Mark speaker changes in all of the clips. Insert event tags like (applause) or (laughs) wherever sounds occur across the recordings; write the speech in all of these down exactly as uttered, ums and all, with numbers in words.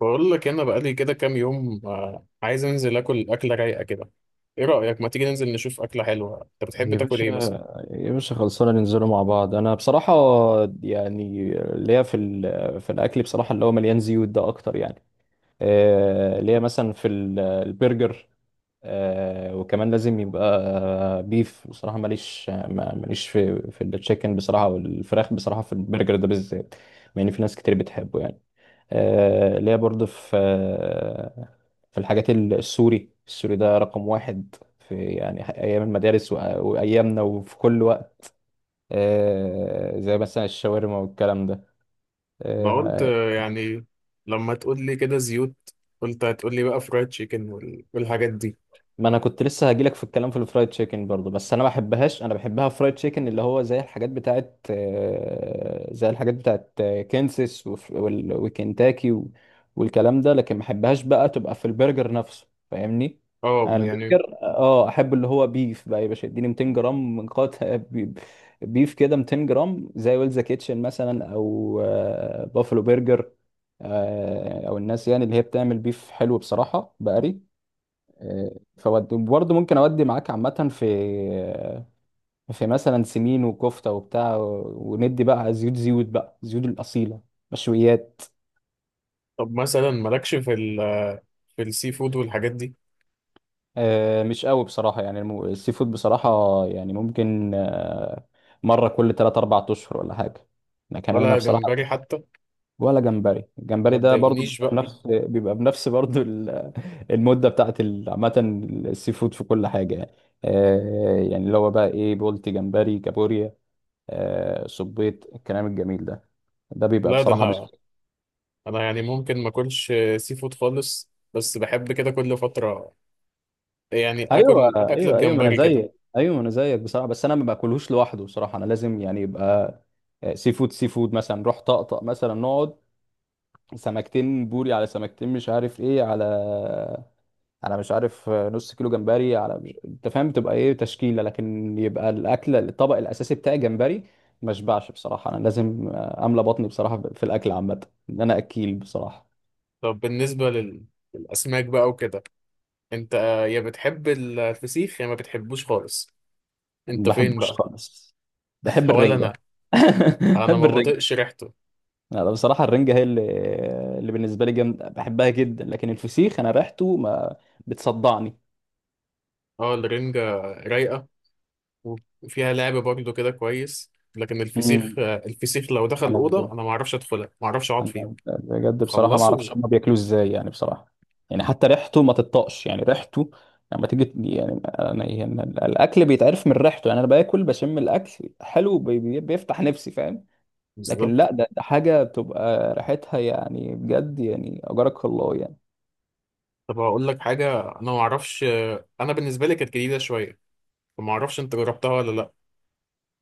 Speaker 1: بقول لك انا بقالي كده كام يوم، آه، عايز انزل اكل اكله رايقه كده. ايه رايك ما تيجي ننزل نشوف اكله حلوه؟ انت بتحب
Speaker 2: يا
Speaker 1: تاكل
Speaker 2: باشا،
Speaker 1: ايه مثلا؟
Speaker 2: يا باشا خلصانة ننزلوا مع بعض. أنا بصراحة يعني ليا في ال- في الأكل بصراحة، اللي هو مليان زيوت ده أكتر يعني. آه، ليا مثلا في ال- البرجر. آه، وكمان لازم يبقى بيف. بصراحة ماليش، ما- ماليش في في التشيكن بصراحة، والفراخ بصراحة في البرجر ده بالذات، مع إن في ناس كتير بتحبه يعني. آه، اللي هي برضه في آه، في الحاجات ال- السوري، السوري ده رقم واحد في يعني أيام المدارس وأ- وأيامنا وفي كل وقت. آه، زي مثلا الشاورما والكلام ده.
Speaker 1: انا قلت
Speaker 2: آه،
Speaker 1: آه، يعني لما تقول لي كده زيوت، قلت هتقول لي بقى فرايد تشيكن وال- والحاجات دي.
Speaker 2: ما انا كنت لسه هجيلك في الكلام في الفرايد تشيكن برضو، بس انا ما بحبهاش، انا بحبها فرايد تشيكن اللي هو زي الحاجات بتاعت آه، زي الحاجات بتاعت آه، كنسس وف- وال- وكنتاكي و- والكلام ده، لكن ما بحبهاش بقى، تبقى في البرجر نفسه فاهمني.
Speaker 1: اه
Speaker 2: انا
Speaker 1: يعني.
Speaker 2: البرجر اه احب اللي هو بيف بقى يا باشا. اديني ميتين جرام من قطع (laughs) بي- بيف كده، ميتين جرام، زي ويلز كيتشن مثلا، او آه، بافلو برجر، آه، او الناس يعني اللي هي بتعمل بيف حلو بصراحة، بقري فودي. وبرضه ممكن اودي معاك عامة في في مثلا سمين وكفتة وبتاع وندي بقى، زيوت زيوت بقى زيوت الأصيلة مشويات.
Speaker 1: طب مثلا مالكش في ال في السي فود والحاجات دي؟
Speaker 2: آه، مش قوي بصراحة يعني، الم- السي فود بصراحة. يعني ممكن آه، مرة كل ثلاث أربعة اشهر، ولا حاجة، لكن انا
Speaker 1: ولا جمبري
Speaker 2: بصراحة.
Speaker 1: حتى؟
Speaker 2: ولا جمبري،
Speaker 1: ما
Speaker 2: الجمبري ده برضه
Speaker 1: تضايقنيش
Speaker 2: بيبقى
Speaker 1: بقى.
Speaker 2: بنفس بيبقى بنفس برضه ال- المدة بتاعت ال- عامة السي فود في كل حاجة يعني. آه، يعني اللي هو بقى ايه، بولتي، جمبري، كابوريا. آه، صبيت الكلام الجميل ده ده بيبقى
Speaker 1: لا ده
Speaker 2: بصراحه مش.
Speaker 1: انا انا يعني ممكن ما اكلش آه، سي فود خالص، بس بحب كده كل فتره، يعني
Speaker 2: ايوه،
Speaker 1: اكل اكله
Speaker 2: ايوه، ايوه، ما انا
Speaker 1: جمبري كده.
Speaker 2: زيك، ايوه، ما انا زيك بصراحه. بس انا ما باكلهوش لوحده بصراحه، انا لازم يعني يبقى آه، سي فود. سي فود مثلا، نروح طقطق مثلا، نقعد سمكتين بوري على سمكتين، مش عارف ايه على على مش عارف، آه، نص كيلو جمبري على مش. انت فاهم، تبقى ايه تشكيله، لكن يبقى الاكل الطبق الاساسي بتاعي جمبري. ما اشبعش بصراحه، انا لازم آه، املى بطني بصراحه في الاكل عامه، ان انا اكيل بصراحه.
Speaker 1: طب بالنسبة لل... للأسماك بقى وكده، أنت آه، يا بتحب الفسيخ يا ما بتحبوش خالص؟
Speaker 2: ما
Speaker 1: أنت فين
Speaker 2: بحبوش
Speaker 1: بقى؟
Speaker 2: خالص.
Speaker 1: (laughs)
Speaker 2: بحب
Speaker 1: ولا
Speaker 2: الرنجة.
Speaker 1: أنا.
Speaker 2: (laughs)
Speaker 1: أنا
Speaker 2: بحب
Speaker 1: ما
Speaker 2: الرنجة.
Speaker 1: بطيقش ريحته.
Speaker 2: لا، لا، بصراحة الرنجة هي اللي اللي بالنسبة لي جامدة، بحبها جدا، لكن الفسيخ أنا ريحته ما بتصدعني.
Speaker 1: أه الرنجة رايقة وفيها لعب برضه كده كويس، لكن الفسيخ
Speaker 2: امم.
Speaker 1: آه، الفسيخ لو دخل
Speaker 2: أنا
Speaker 1: الأوضة
Speaker 2: بجد
Speaker 1: أنا ما أعرفش أدخلها، ما أعرفش أقعد
Speaker 2: أنا
Speaker 1: فيها.
Speaker 2: بجد بصراحة، ما
Speaker 1: خلصوا.
Speaker 2: أعرفش هما بياكلوه إزاي يعني بصراحة. يعني حتى ريحته ما تطاقش يعني، ريحته لما تيجي يعني، أنا يعني الأكل بيتعرف من ريحته يعني، أنا باكل بشم الأكل حلو، بي- بي- بيفتح نفسي فاهم. لكن
Speaker 1: بالظبط.
Speaker 2: لا، ده ده حاجة بتبقى ريحتها يعني بجد يعني، أجرك الله يعني.
Speaker 1: طب هقول لك حاجة، أنا ما أعرفش، آه، أنا بالنسبة لي كانت جديدة شوية، فما أعرفش أنت جربتها ولا لأ.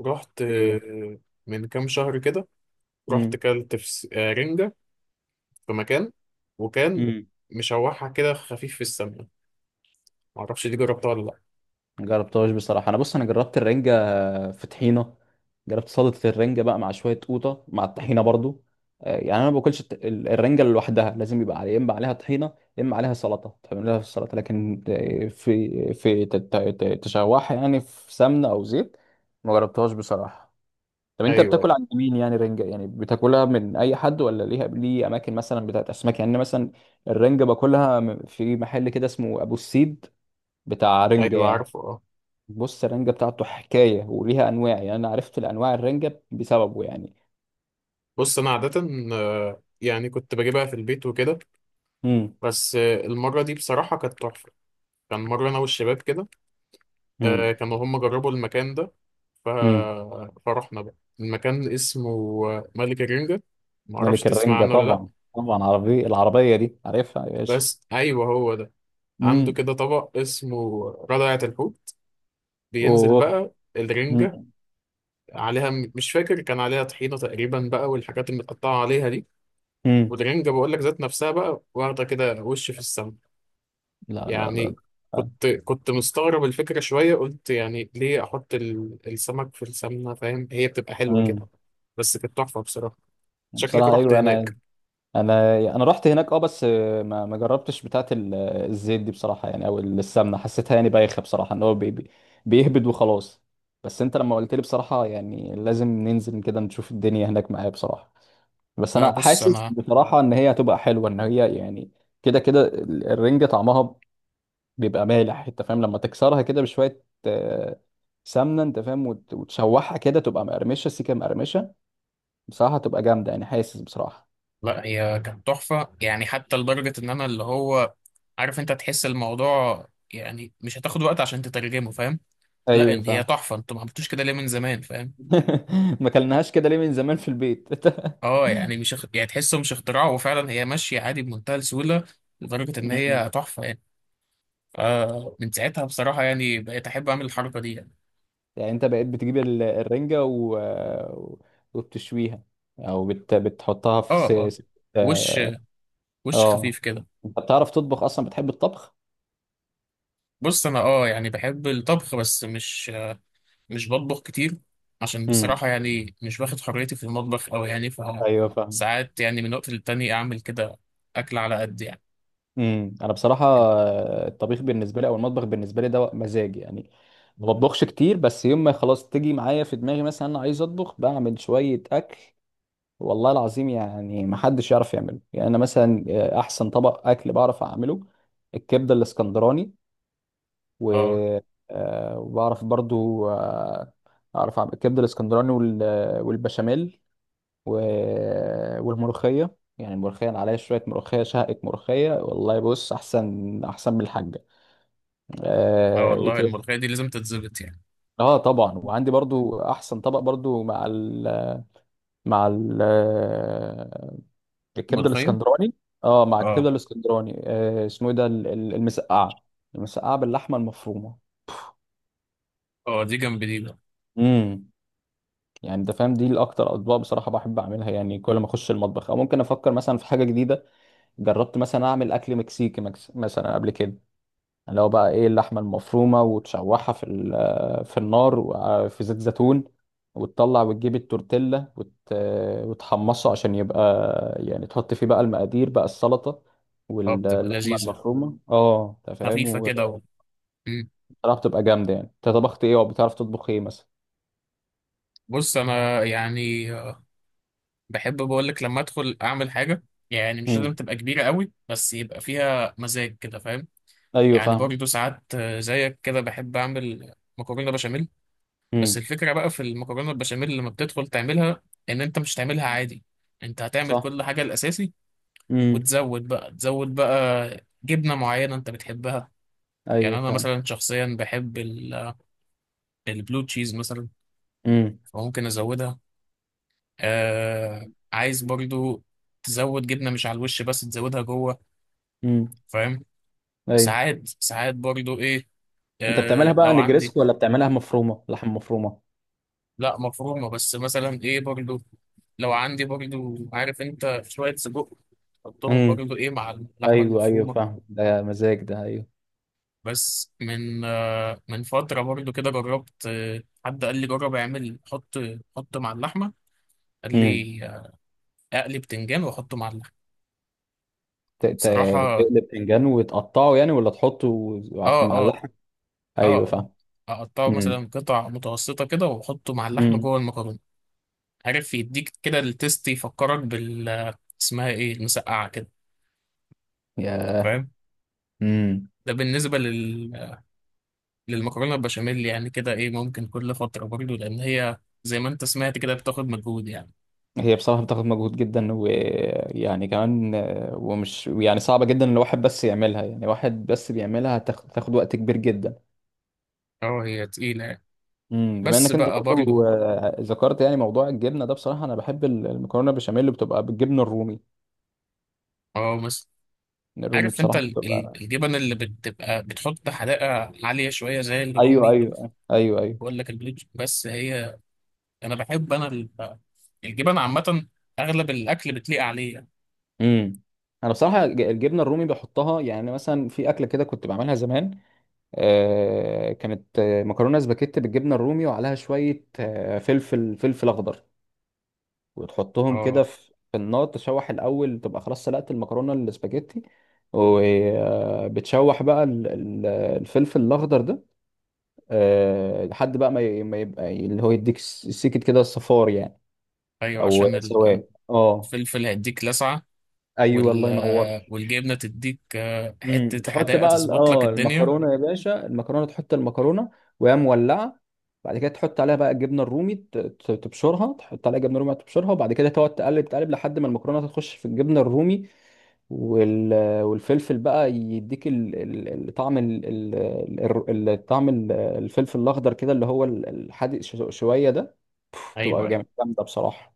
Speaker 1: رحت
Speaker 2: ايه.
Speaker 1: آه، من كام شهر كده، رحت
Speaker 2: امم.
Speaker 1: كلت فس... آه، رنجة في مكان، وكان
Speaker 2: امم.
Speaker 1: مشوحها كده خفيف في السمنة، معرفش دي جربتها ولا لأ.
Speaker 2: جربتهاش بصراحه. انا بص، انا جربت الرنجه في طحينه، جربت سلطه الرنجه بقى مع شويه قوطه مع الطحينه برضو. آه، يعني انا ما باكلش الت- ال- الرنجه لوحدها، لازم يبقى عليها يا اما عليها طحينه، يا اما عليها سلطه، تعمل لها في السلطه، لكن آه، في في ت- ت- ت- تشوحها يعني في سمنه او زيت. ما جربتهاش بصراحه. طب انت
Speaker 1: أيوه،
Speaker 2: بتاكل عند مين يعني رنجه؟ يعني بتاكلها من اي حد ولا ليها ليه اماكن مثلا بتاعت اسماك؟ يعني أنا مثلا الرنجه باكلها م- في محل كده اسمه ابو السيد، بتاع رنجة
Speaker 1: أيوه
Speaker 2: يعني.
Speaker 1: عارفه أه.
Speaker 2: بص، الرنجة بتاعته حكاية وليها أنواع، يعني أنا عرفت الأنواع الرنجة بسببه يعني.
Speaker 1: بص أنا عادة آه، يعني كنت بجيبها في البيت وكده،
Speaker 2: امم.
Speaker 1: بس آه، المرة دي بصراحة كانت تحفة. كان مرة أنا والشباب كده، آه،
Speaker 2: امم.
Speaker 1: كانوا هم جربوا المكان ده، ف...
Speaker 2: امم.
Speaker 1: فرحنا بقى. المكان اسمه آه، ملك الرنجة، معرفش
Speaker 2: ملك
Speaker 1: تسمع
Speaker 2: الرنجة
Speaker 1: عنه ولا لأ.
Speaker 2: طبعا، طبعا. عربية العربية دي عارفها يا باشا.
Speaker 1: بس أيوه هو ده. عنده
Speaker 2: امم.
Speaker 1: كده طبق اسمه ردعة الحوت، بينزل
Speaker 2: أوه.
Speaker 1: بقى الرنجة
Speaker 2: امم.
Speaker 1: عليها، مش فاكر كان عليها طحينة تقريبا بقى، والحاجات المتقطعة عليها دي،
Speaker 2: امم.
Speaker 1: والرنجة بقول لك ذات نفسها بقى واخدة كده وش في السماء
Speaker 2: لا، لا، لا.
Speaker 1: يعني.
Speaker 2: لا.
Speaker 1: كنت كنت مستغرب الفكرة شوية، قلت يعني ليه أحط ال- السمك في السمنة، فاهم هي بتبقى حلوة كده،
Speaker 2: امم.
Speaker 1: بس كانت تحفة بصراحة. شكلك
Speaker 2: بصراحة،
Speaker 1: رحت
Speaker 2: أيوه. أنا،
Speaker 1: هناك.
Speaker 2: انا انا رحت هناك، اه، بس ما ما جربتش بتاعه ال- الزيت دي بصراحه يعني، او السمنه حسيتها يعني بايخه بصراحه، ان هو بي بي- بيهبد وخلاص. بس انت لما قلت لي بصراحه يعني لازم ننزل كده نشوف الدنيا هناك معايا بصراحه، بس
Speaker 1: لا
Speaker 2: انا
Speaker 1: بص
Speaker 2: حاسس
Speaker 1: أنا،
Speaker 2: بصراحه ان هي هتبقى حلوه، ان هي يعني كده كده ال- الرنجه طعمها بيبقى مالح، انت فاهم، لما تكسرها كده بشويه آه، سمنه، انت فاهم، وت- وتشوحها كده تبقى مقرمشه سيكه مقرمشه بصراحه، تبقى جامده يعني حاسس بصراحه.
Speaker 1: لا هي كانت تحفة يعني، حتى لدرجة إن أنا اللي هو، عارف أنت تحس الموضوع، يعني مش هتاخد وقت عشان تترجمه فاهم. لا
Speaker 2: ايوه
Speaker 1: إن هي
Speaker 2: فاهم.
Speaker 1: تحفة، أنتوا ما عملتوش كده ليه من زمان فاهم.
Speaker 2: (laughs) ما كلناهاش كده ليه من زمان في البيت. (laughs)
Speaker 1: اه يعني مش اخ- يعني تحسه مش اختراع، وفعلا هي ماشيه عادي بمنتهى السهوله، لدرجه ان
Speaker 2: مم.
Speaker 1: هي تحفه يعني. فمن ساعتها بصراحه يعني بقيت احب اعمل الحركه دي يعني.
Speaker 2: يعني انت بقيت بتجيب ال- الرنجة و... وبتشويها، او بت... بتحطها
Speaker 1: اه
Speaker 2: في
Speaker 1: اه.
Speaker 2: س... س-
Speaker 1: وش،
Speaker 2: اه
Speaker 1: وش
Speaker 2: آه.
Speaker 1: خفيف كده.
Speaker 2: انت بتعرف تطبخ اصلا؟ بتحب الطبخ؟
Speaker 1: بص انا اه يعني بحب الطبخ، بس مش مش بطبخ كتير، عشان
Speaker 2: امم.
Speaker 1: بصراحه يعني مش باخد حريتي في المطبخ قوي، يعني ف
Speaker 2: ايوه فاهم.
Speaker 1: ساعات يعني من وقت للتاني اعمل كده اكل على قد يعني.
Speaker 2: امم. انا بصراحة آه، الطبيخ بالنسبة لي او المطبخ بالنسبة لي ده مزاج يعني، ما بطبخش كتير، بس يوم ما خلاص تيجي معايا في دماغي مثلا انا عايز اطبخ بعمل شوية اكل والله العظيم يعني ما حدش يعرف يعمله. يعني انا مثلا آه، احسن طبق اكل بعرف اعمله الكبده الاسكندراني، و
Speaker 1: اه
Speaker 2: آه، وبعرف برضو آه، اعرف اعمل الكبده الاسكندراني وال- آه، والبشاميل و- والملوخيه. يعني الملوخيه، أنا عليها شويه ملوخيه شهقة ملوخيه والله. بص، احسن احسن من الحاجه.
Speaker 1: اه،
Speaker 2: اه، إيه
Speaker 1: والله
Speaker 2: تاني؟
Speaker 1: الملوخيه دي لازم تتظبط يعني.
Speaker 2: آه، طبعا. وعندي برضو احسن طبق برضو مع ال مع ال آه، الكبده
Speaker 1: ملوخيه.
Speaker 2: الاسكندراني. اه مع الكبده
Speaker 1: اه
Speaker 2: الاسكندراني آه اسمه ايه ده، ال- ال- المسقعه، المسقعه باللحمه المفرومه.
Speaker 1: اه، دي جنب دي بقى.
Speaker 2: امم. يعني انت فاهم دي الاكتر اطباق بصراحه بحب اعملها، يعني كل ما اخش المطبخ او ممكن افكر مثلا في حاجه جديده. جربت مثلا اعمل اكل مكسيكي، مكس... مثلا قبل كده، اللي هو بقى ايه، اللحمه المفرومه وتشوحها في ال- في النار وفي زيت زيتون، وتطلع وتجيب التورتيلا وت... وتحمصه عشان يبقى يعني، تحط فيه بقى المقادير بقى، السلطه
Speaker 1: اه بتبقى
Speaker 2: واللحمه
Speaker 1: لذيذه
Speaker 2: المفرومه، اه انت فاهم.
Speaker 1: خفيفة كده و...
Speaker 2: وبصراحه
Speaker 1: مم.
Speaker 2: بتبقى جامده يعني. انت طبخت ايه وبتعرف تطبخ ايه مثلا؟
Speaker 1: بص أنا يعني آه، بحب بقولك لما أدخل أعمل حاجة، يعني مش لازم
Speaker 2: امم.
Speaker 1: تبقى كبيرة قوي بس يبقى فيها مزاج كده فاهم.
Speaker 2: ايوه
Speaker 1: يعني
Speaker 2: فاهم.
Speaker 1: برضه ساعات آه، زيك كده بحب أعمل مكرونة بشاميل. بس
Speaker 2: امم.
Speaker 1: الفكرة بقى في المكرونة البشاميل لما بتدخل تعملها، إن أنت مش تعملها عادي، أنت هتعمل
Speaker 2: صح.
Speaker 1: كل حاجة الأساسي،
Speaker 2: امم.
Speaker 1: وتزود بقى تزود بقى جبنة معينة أنت بتحبها.
Speaker 2: ايوه
Speaker 1: يعني أنا
Speaker 2: فاهم.
Speaker 1: مثلا شخصيا بحب ال- البلو تشيز مثلا،
Speaker 2: امم.
Speaker 1: فممكن أزودها. آه، عايز برضو تزود جبنة مش على الوش بس تزودها جوه،
Speaker 2: امم.
Speaker 1: فاهم.
Speaker 2: ايوه.
Speaker 1: ساعات ساعات برضو ايه،
Speaker 2: انت
Speaker 1: آه
Speaker 2: بتعملها بقى
Speaker 1: لو عندي،
Speaker 2: نجريسكو ولا بتعملها مفرومه، لحم مفرومه؟
Speaker 1: لا مفرومة، بس مثلا ايه برضو، لو عندي برضو عارف انت شوية سجق، حطهم برضو ايه مع اللحمة
Speaker 2: ايوه، ايوه
Speaker 1: المفرومة.
Speaker 2: فاهم. ده مزاج ده. ايوه.
Speaker 1: بس من آه من فترة برضو كده، جربت، آه حد قال لي جرب اعمل حط حط مع اللحمة، قال
Speaker 2: امم.
Speaker 1: لي آه، اقلي بتنجان واحطه مع اللحمة،
Speaker 2: ت- ت-
Speaker 1: بصراحة.
Speaker 2: تقلب باذنجان وتقطعه يعني، ولا تحطه
Speaker 1: اه
Speaker 2: مع
Speaker 1: اه
Speaker 2: اللحم؟
Speaker 1: اه
Speaker 2: ايوه
Speaker 1: اه.
Speaker 2: فاهم.
Speaker 1: اقطعه
Speaker 2: امم.
Speaker 1: مثلا قطع متوسطة كده واحطه مع اللحمة
Speaker 2: امم.
Speaker 1: جوه المكرونة، عارف يديك كده التيست، يفكرك بال، اسمها ايه، المسقعة كده،
Speaker 2: يا.
Speaker 1: فاهم.
Speaker 2: امم.
Speaker 1: ده بالنسبة لل... للمكرونة البشاميل يعني، كده ايه ممكن كل فترة برضه، لأن هي زي ما انت سمعت كده بتاخد مجهود يعني.
Speaker 2: هي بصراحة بتاخد مجهود جدا، ويعني كمان آه، ومش يعني صعبة جدا لو واحد بس يعملها، يعني واحد بس بيعملها هتاخد تاخد وقت كبير جدا.
Speaker 1: اه هي تقيلة يعني.
Speaker 2: امم. بما
Speaker 1: بس
Speaker 2: انك انت
Speaker 1: بقى
Speaker 2: برضو
Speaker 1: برضه،
Speaker 2: آه، ذكرت يعني موضوع الجبنة ده، بصراحة انا بحب المكرونة بشاميل اللي بتبقى بالجبنة الرومي.
Speaker 1: اه مثلا،
Speaker 2: الرومي
Speaker 1: عارف انت
Speaker 2: بصراحة
Speaker 1: ال-
Speaker 2: بتبقى.
Speaker 1: ال- الجبن اللي بتبقى بتحط حدائق عالية شوية زي
Speaker 2: ايوه،
Speaker 1: الرومي.
Speaker 2: ايوه، ايوه، ايوه.
Speaker 1: بقول لك البلوج، بس هي انا بحب، انا ال- الجبن عامه اغلب الاكل بتليق عليه يعني.
Speaker 2: امم. انا بصراحه ج- الجبنه الرومي بحطها. يعني أنا مثلا في اكله كده كنت بعملها زمان، آه كانت آه، مكرونه سباكيت بالجبنه الرومي وعليها شويه آه فلفل فلفل اخضر، وتحطهم كده
Speaker 1: اه
Speaker 2: في في النار، تشوح الاول، تبقى خلاص سلقت المكرونه السباكيتي، وبتشوح بقى ال- ال- الفلفل الاخضر ده، آه، لحد بقى ما ي- ما يبقى اللي هو يديك س- سيكت كده صفار يعني،
Speaker 1: ايوه،
Speaker 2: او
Speaker 1: عشان
Speaker 2: سواد. اه
Speaker 1: الفلفل هيديك لسعه،
Speaker 2: ايوه،
Speaker 1: وال
Speaker 2: الله ينور.
Speaker 1: والجبنه تديك آه،
Speaker 2: امم.
Speaker 1: حته
Speaker 2: تحط
Speaker 1: حداقه
Speaker 2: بقى ال-
Speaker 1: تظبط لك
Speaker 2: اه
Speaker 1: الدنيا.
Speaker 2: المكرونه يا باشا، المكرونه تحط المكرونه وهي مولعه. بعد كده تحط عليها بقى الجبنه الرومي، ت- ت- تبشرها، تحط عليها جبنه رومي تبشرها، وبعد كده تقعد تقلب تقلب لحد ما المكرونه تخش في الجبنه الرومي، وال... والفلفل بقى يديك ال... ال... الطعم ال... ال... ال... ال- طعم ال- الفلفل الاخضر كده اللي هو ال- الحادق ش- شويه ده،
Speaker 1: ايوه
Speaker 2: بتبقى
Speaker 1: ايوه.
Speaker 2: جامد- جامده بصراحه.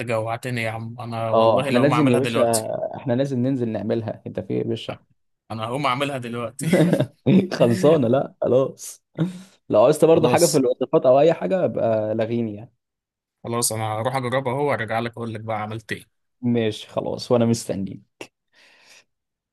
Speaker 1: انت جوعتني يا عم، انا
Speaker 2: اه
Speaker 1: والله
Speaker 2: احنا
Speaker 1: لو ما
Speaker 2: لازم يا
Speaker 1: اعملها
Speaker 2: باشا
Speaker 1: دلوقتي.
Speaker 2: احنا لازم ننزل نعملها. انت في إيه يا باشا؟
Speaker 1: انا هقوم اعملها دلوقتي.
Speaker 2: (laughs) خلصانه.
Speaker 1: (laughs)
Speaker 2: لا، خلاص. لو عايزت برضه حاجه في
Speaker 1: خلاص
Speaker 2: الوصفات او اي حاجه ابقى لغيني يعني.
Speaker 1: خلاص، انا هروح اجربها اهو وارجع لك اقول لك بقى عملت ايه.
Speaker 2: ماشي خلاص، وانا مستنيك.